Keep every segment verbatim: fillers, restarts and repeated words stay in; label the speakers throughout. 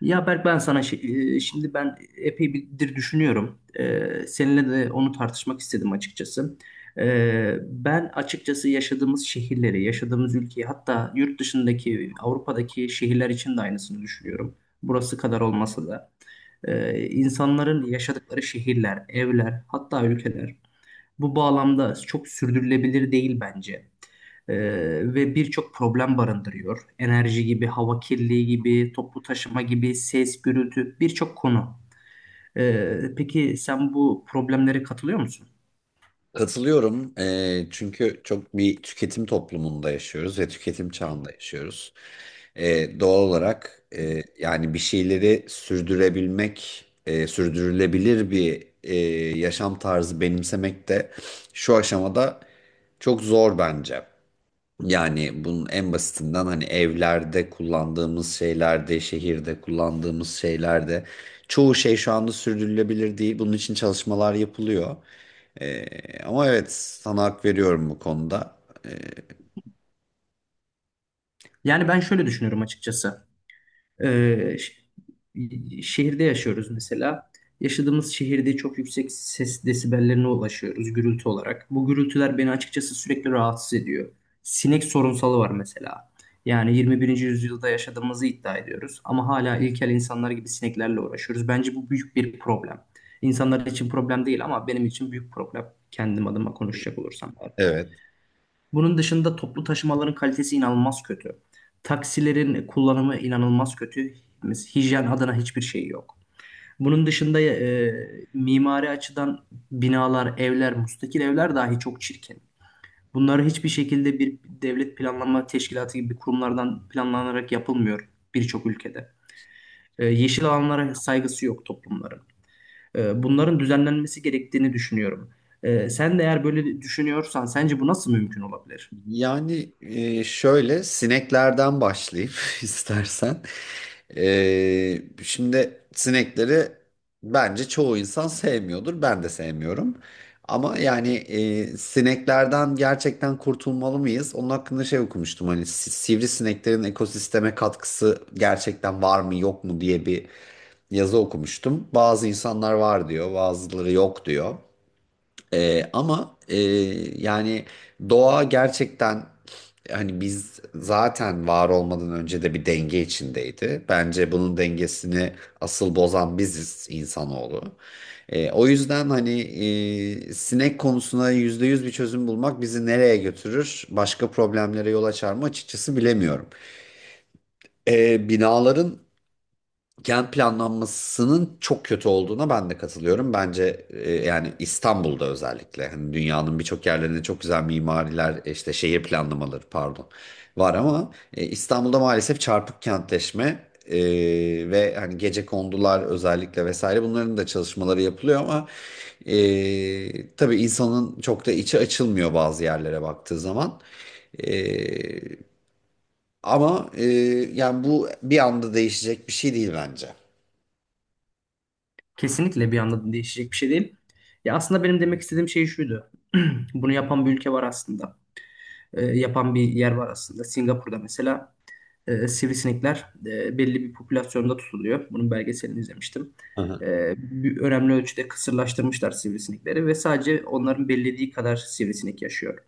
Speaker 1: Ya Berk ben sana şi- e, şimdi ben epey birdir düşünüyorum. E, seninle de onu tartışmak istedim açıkçası. E, ben açıkçası yaşadığımız şehirleri, yaşadığımız ülkeyi hatta yurt dışındaki Avrupa'daki şehirler için de aynısını düşünüyorum. Burası kadar olmasa da. E, insanların yaşadıkları şehirler, evler hatta ülkeler. Bu bağlamda çok sürdürülebilir değil bence. Ee, ve birçok problem barındırıyor. Enerji gibi, hava kirliliği gibi, toplu taşıma gibi, ses, gürültü birçok konu. Ee, peki sen bu problemlere katılıyor musun?
Speaker 2: Katılıyorum. Eee, çünkü çok bir tüketim toplumunda yaşıyoruz ve tüketim çağında yaşıyoruz. Eee, doğal olarak eee, yani bir şeyleri sürdürebilmek, eee, sürdürülebilir bir eee, yaşam tarzı benimsemek de şu aşamada çok zor bence. Yani bunun en basitinden, hani, evlerde kullandığımız şeylerde, şehirde kullandığımız şeylerde çoğu şey şu anda sürdürülebilir değil. Bunun için çalışmalar yapılıyor. Ee, Ama evet, sana hak veriyorum bu konuda. Ee,
Speaker 1: Yani ben şöyle düşünüyorum açıkçası. Ee, ş- Şehirde yaşıyoruz mesela. Yaşadığımız şehirde çok yüksek ses desibellerine ulaşıyoruz gürültü olarak. Bu gürültüler beni açıkçası sürekli rahatsız ediyor. Sinek sorunsalı var mesela. Yani yirmi birinci yüzyılda yaşadığımızı iddia ediyoruz ama hala ilkel insanlar gibi sineklerle uğraşıyoruz. Bence bu büyük bir problem. İnsanlar için problem değil ama benim için büyük problem. Kendim adıma konuşacak olursam.
Speaker 2: evet.
Speaker 1: Bunun dışında toplu taşımaların kalitesi inanılmaz kötü. Taksilerin kullanımı inanılmaz kötü. Hijyen adına hiçbir şey yok. Bunun dışında e, mimari açıdan binalar, evler, müstakil evler dahi çok çirkin. Bunlar hiçbir şekilde bir devlet planlama teşkilatı gibi kurumlardan planlanarak yapılmıyor birçok ülkede. E, yeşil alanlara saygısı yok toplumların. E, bunların düzenlenmesi gerektiğini düşünüyorum. E, sen de eğer böyle düşünüyorsan sence bu nasıl mümkün olabilir?
Speaker 2: Yani e, şöyle sineklerden başlayayım istersen. E, şimdi sinekleri bence çoğu insan sevmiyordur. Ben de sevmiyorum. Ama yani e, sineklerden gerçekten kurtulmalı mıyız? Onun hakkında şey okumuştum, hani si- sivrisineklerin ekosisteme katkısı gerçekten var mı yok mu diye bir yazı okumuştum. Bazı insanlar var diyor, bazıları yok diyor. Ee, ama e, yani doğa gerçekten, hani, biz zaten var olmadan önce de bir denge içindeydi. Bence bunun dengesini asıl bozan biziz, insanoğlu. Ee, o yüzden, hani, e, sinek konusuna yüzde yüz bir çözüm bulmak bizi nereye götürür, başka problemlere yol açar mı açıkçası bilemiyorum. Ee, binaların gen planlanmasının çok kötü olduğuna ben de katılıyorum. Bence, e, yani İstanbul'da özellikle, hani, dünyanın birçok yerlerinde çok güzel mimariler, e, işte, şehir planlamaları, pardon, var. Ama e, İstanbul'da maalesef çarpık kentleşme e, ve hani gecekondular özellikle vesaire, bunların da çalışmaları yapılıyor. Ama e, tabii insanın çok da içi açılmıyor bazı yerlere baktığı zaman. E, Ama, e, yani bu bir anda değişecek bir şey değil bence.
Speaker 1: Kesinlikle bir anda değişecek bir şey değil. Ya aslında benim demek istediğim şey şuydu. Bunu yapan bir ülke var aslında. Ee, yapan bir yer var aslında. Singapur'da mesela e, sivrisinekler e, belli bir popülasyonda tutuluyor. Bunun belgeselini izlemiştim.
Speaker 2: Hı hı,
Speaker 1: Ee, bir- önemli ölçüde kısırlaştırmışlar sivrisinekleri ve sadece onların belirlediği kadar sivrisinek yaşıyor.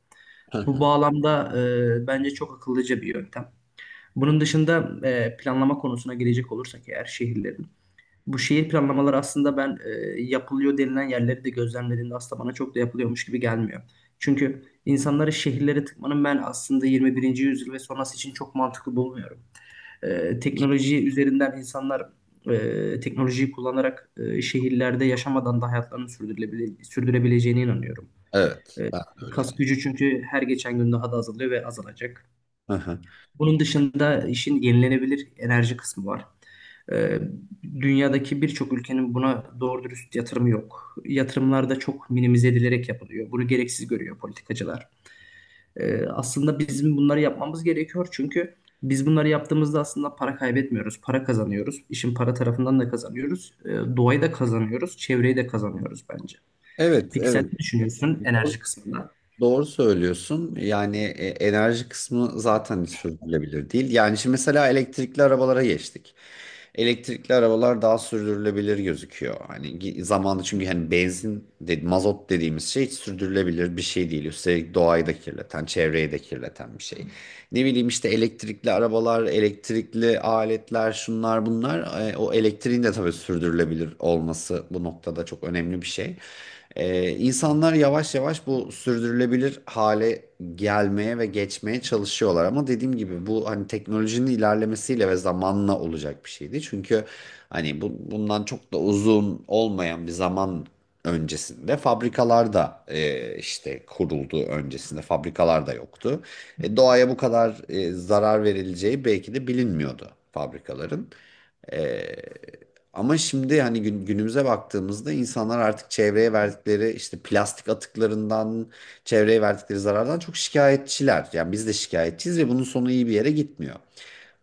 Speaker 2: hı
Speaker 1: Bu
Speaker 2: hı.
Speaker 1: bağlamda e, bence çok akıllıca bir yöntem. Bunun dışında e, planlama konusuna gelecek olursak eğer şehirlerin. Bu şehir planlamaları aslında ben e, yapılıyor denilen yerleri de gözlemlediğimde aslında bana çok da yapılıyormuş gibi gelmiyor. Çünkü insanları şehirlere tıkmanın ben aslında yirmi birinci yüzyıl ve sonrası için çok mantıklı bulmuyorum. E, teknoloji üzerinden insanlar e, teknolojiyi kullanarak e, şehirlerde yaşamadan da hayatlarını sürdürülebilir, sürdürebileceğine inanıyorum.
Speaker 2: Evet, ben de
Speaker 1: Kas
Speaker 2: öyleydim.
Speaker 1: gücü çünkü her geçen gün daha da azalıyor ve azalacak.
Speaker 2: Hı hı.
Speaker 1: Bunun dışında işin yenilenebilir enerji kısmı var. Ee, Dünyadaki birçok ülkenin buna doğru dürüst yatırımı yok. Yatırımlar da çok minimize edilerek yapılıyor. Bunu gereksiz görüyor politikacılar. Ee, aslında bizim bunları yapmamız gerekiyor çünkü biz bunları yaptığımızda aslında para kaybetmiyoruz, para kazanıyoruz. İşin para tarafından da kazanıyoruz, Ee, doğayı da kazanıyoruz, çevreyi de kazanıyoruz bence.
Speaker 2: Evet,
Speaker 1: Peki sen
Speaker 2: evet.
Speaker 1: ne düşünüyorsun enerji kısmında?
Speaker 2: Doğru söylüyorsun. Yani e, enerji kısmı zaten sürdürülebilir değil. Yani şimdi mesela elektrikli arabalara geçtik. Elektrikli arabalar daha sürdürülebilir gözüküyor. Hani gi- zamanı, çünkü hani benzin, de, mazot dediğimiz şey hiç sürdürülebilir bir şey değil. Üstelik doğayı da kirleten, çevreyi de kirleten bir şey. Ne bileyim, işte, elektrikli arabalar, elektrikli aletler, şunlar bunlar. E, O elektriğin de tabii sürdürülebilir olması bu noktada çok önemli bir şey. Ee, insanlar yavaş yavaş bu sürdürülebilir hale gelmeye ve geçmeye çalışıyorlar, ama dediğim gibi bu, hani, teknolojinin ilerlemesiyle ve zamanla olacak bir şeydi. Çünkü, hani, bu, bundan çok da uzun olmayan bir zaman öncesinde fabrikalar da, e, işte, kuruldu, öncesinde fabrikalar da yoktu. E, doğaya bu kadar e, zarar verileceği belki de bilinmiyordu fabrikaların. E, Ama şimdi, hani, gün- günümüze baktığımızda insanlar artık çevreye verdikleri, işte, plastik atıklarından, çevreye verdikleri zarardan çok şikayetçiler. Yani biz de şikayetçiyiz ve bunun sonu iyi bir yere gitmiyor.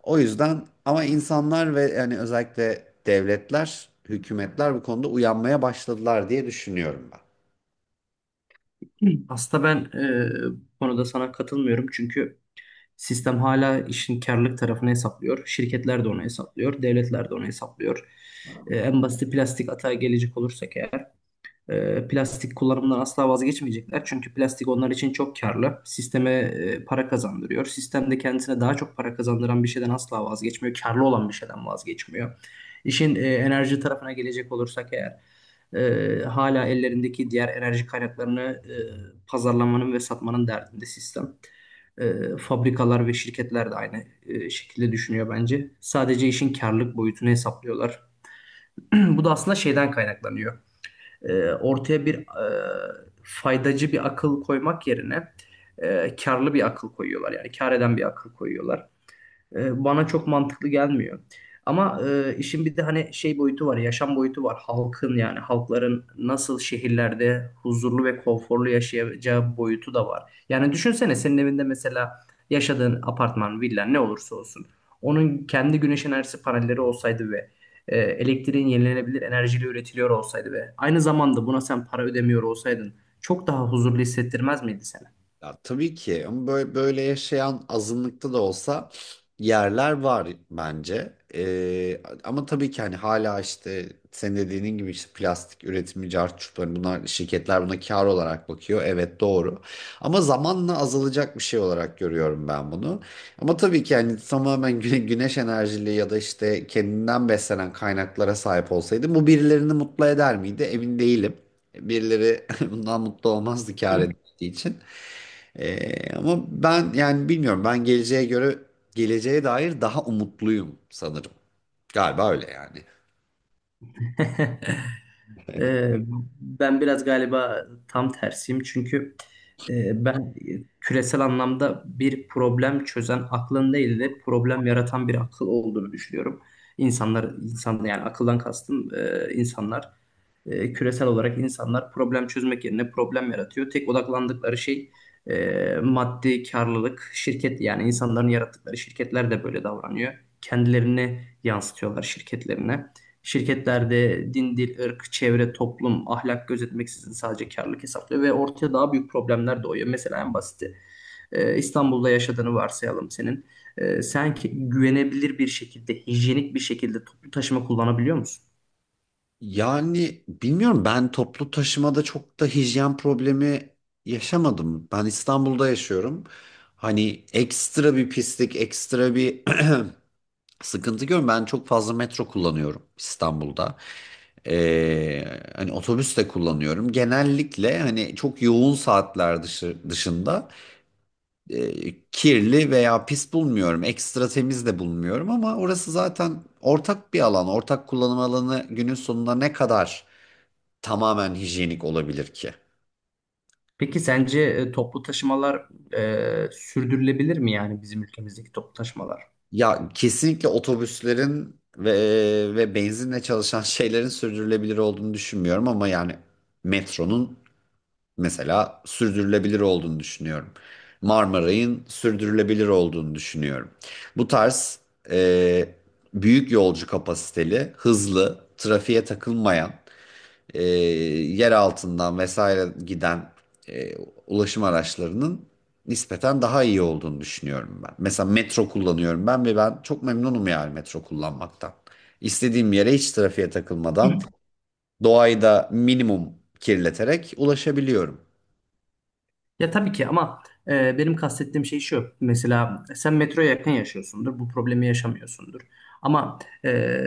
Speaker 2: O yüzden ama insanlar ve, yani, özellikle devletler, hükümetler bu konuda uyanmaya başladılar diye düşünüyorum ben.
Speaker 1: Hı. Aslında ben e, bu konuda sana katılmıyorum çünkü sistem hala işin karlılık tarafını hesaplıyor. Şirketler de onu hesaplıyor. Devletler de onu hesaplıyor. E, en basit plastik atağa gelecek olursak eğer e, plastik kullanımından asla vazgeçmeyecekler. Çünkü plastik onlar için çok karlı. Sisteme e, para kazandırıyor. Sistem de kendisine daha çok para kazandıran bir şeyden asla vazgeçmiyor. Karlı olan bir şeyden vazgeçmiyor. İşin e, enerji tarafına gelecek olursak eğer e, hala ellerindeki diğer enerji kaynaklarını e, pazarlamanın ve satmanın derdinde sistem. E, fabrikalar ve şirketler de aynı e, şekilde düşünüyor bence. Sadece işin karlılık boyutunu hesaplıyorlar. Bu da aslında şeyden kaynaklanıyor. E, ortaya bir e, faydacı bir akıl koymak yerine e, karlı bir akıl koyuyorlar. Yani kar eden bir akıl koyuyorlar. E, bana çok mantıklı gelmiyor. Ama e, işin bir de hani şey boyutu var, yaşam boyutu var. Halkın yani halkların nasıl şehirlerde huzurlu ve konforlu yaşayacağı boyutu da var. Yani düşünsene senin evinde mesela yaşadığın apartman, villa ne olursa olsun. Onun kendi güneş enerjisi panelleri olsaydı ve e, elektriğin yenilenebilir enerjiyle üretiliyor olsaydı ve aynı zamanda buna sen para ödemiyor olsaydın çok daha huzurlu hissettirmez miydi seni?
Speaker 2: Ya tabii ki, ama böyle, böyle yaşayan azınlıkta da olsa yerler var bence. Ee, ama tabii ki, hani, hala, işte, senin dediğinin gibi işte plastik üretimi, cart çurt, hani bunlar, şirketler buna kar olarak bakıyor. Evet, doğru. Ama zamanla azalacak bir şey olarak görüyorum ben bunu. Ama tabii ki yani tamamen güne, güneş enerjili ya da işte kendinden beslenen kaynaklara sahip olsaydı bu birilerini mutlu eder miydi? Emin değilim. Birileri bundan mutlu olmazdı, kar için. Ee, ama ben, yani, bilmiyorum, ben geleceğe göre geleceğe dair daha umutluyum sanırım. Galiba öyle, yani.
Speaker 1: Ee, Ben biraz galiba tam tersiyim çünkü e, ben küresel anlamda bir problem çözen aklın değil de problem yaratan bir akıl olduğunu düşünüyorum. İnsanlar, insan yani akıldan kastım e, insanlar e, küresel olarak insanlar problem çözmek yerine problem yaratıyor. Tek odaklandıkları şey e, maddi karlılık, şirket yani insanların yarattıkları şirketler de böyle davranıyor. Kendilerini yansıtıyorlar şirketlerine. Şirketlerde din, dil, ırk, çevre, toplum, ahlak gözetmeksizin sadece karlılık hesaplıyor ve ortaya daha büyük problemler doğuyor. Mesela en basiti e, İstanbul'da yaşadığını varsayalım senin. E, sen ki- güvenebilir bir şekilde, hijyenik bir şekilde toplu taşıma kullanabiliyor musun?
Speaker 2: Yani bilmiyorum, ben toplu taşımada çok da hijyen problemi yaşamadım. Ben İstanbul'da yaşıyorum. Hani ekstra bir pislik, ekstra bir sıkıntı görüyorum. Ben çok fazla metro kullanıyorum İstanbul'da. Ee, Hani otobüs de kullanıyorum. Genellikle, hani, çok yoğun saatler dışı, dışında e, kirli veya pis bulmuyorum. Ekstra temiz de bulmuyorum, ama orası zaten ortak bir alan. Ortak kullanım alanı günün sonunda ne kadar tamamen hijyenik olabilir ki?
Speaker 1: Peki sence e, toplu taşımalar e, sürdürülebilir mi yani bizim ülkemizdeki toplu taşımalar?
Speaker 2: Ya kesinlikle otobüslerin ve ve benzinle çalışan şeylerin sürdürülebilir olduğunu düşünmüyorum, ama yani metronun mesela sürdürülebilir olduğunu düşünüyorum. Marmaray'ın sürdürülebilir olduğunu düşünüyorum. Bu tarz e, büyük yolcu kapasiteli, hızlı, trafiğe takılmayan, e, yer altından vesaire giden e, ulaşım araçlarının nispeten daha iyi olduğunu düşünüyorum ben. Mesela metro kullanıyorum ben ve ben çok memnunum, yani metro kullanmaktan. İstediğim yere hiç trafiğe takılmadan, doğayı da minimum kirleterek ulaşabiliyorum.
Speaker 1: Ya tabii ki ama e, benim kastettiğim şey şu. Mesela sen metroya yakın yaşıyorsundur. Bu problemi yaşamıyorsundur. Ama e,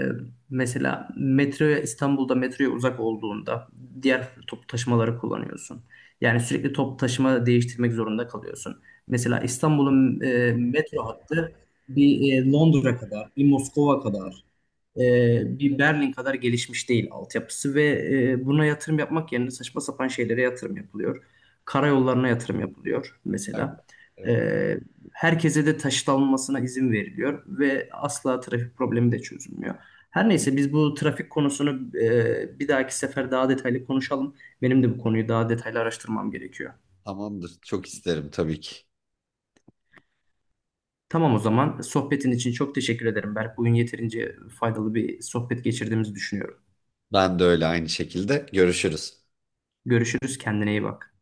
Speaker 1: mesela metroya İstanbul'da metroya uzak olduğunda diğer toplu taşımaları kullanıyorsun. Yani sürekli toplu taşıma değiştirmek zorunda kalıyorsun. Mesela İstanbul'un e, metro hattı bir e, Londra kadar, bir Moskova kadar, e, bir Berlin kadar gelişmiş değil altyapısı ve e, buna yatırım yapmak yerine saçma sapan şeylere yatırım yapılıyor. Karayollarına yatırım yapılıyor
Speaker 2: Evet.
Speaker 1: mesela. E,
Speaker 2: Evet.
Speaker 1: Herkese de taşıt alınmasına izin veriliyor ve asla trafik problemi de çözülmüyor. Her neyse biz bu trafik konusunu e, bir dahaki sefer daha detaylı konuşalım. Benim de bu konuyu daha detaylı araştırmam gerekiyor.
Speaker 2: Tamamdır. Çok isterim tabii ki.
Speaker 1: Tamam o zaman sohbetin için çok teşekkür ederim Berk. Bugün yeterince faydalı bir sohbet geçirdiğimizi düşünüyorum.
Speaker 2: Ben de öyle, aynı şekilde. Görüşürüz.
Speaker 1: Görüşürüz, kendine iyi bak.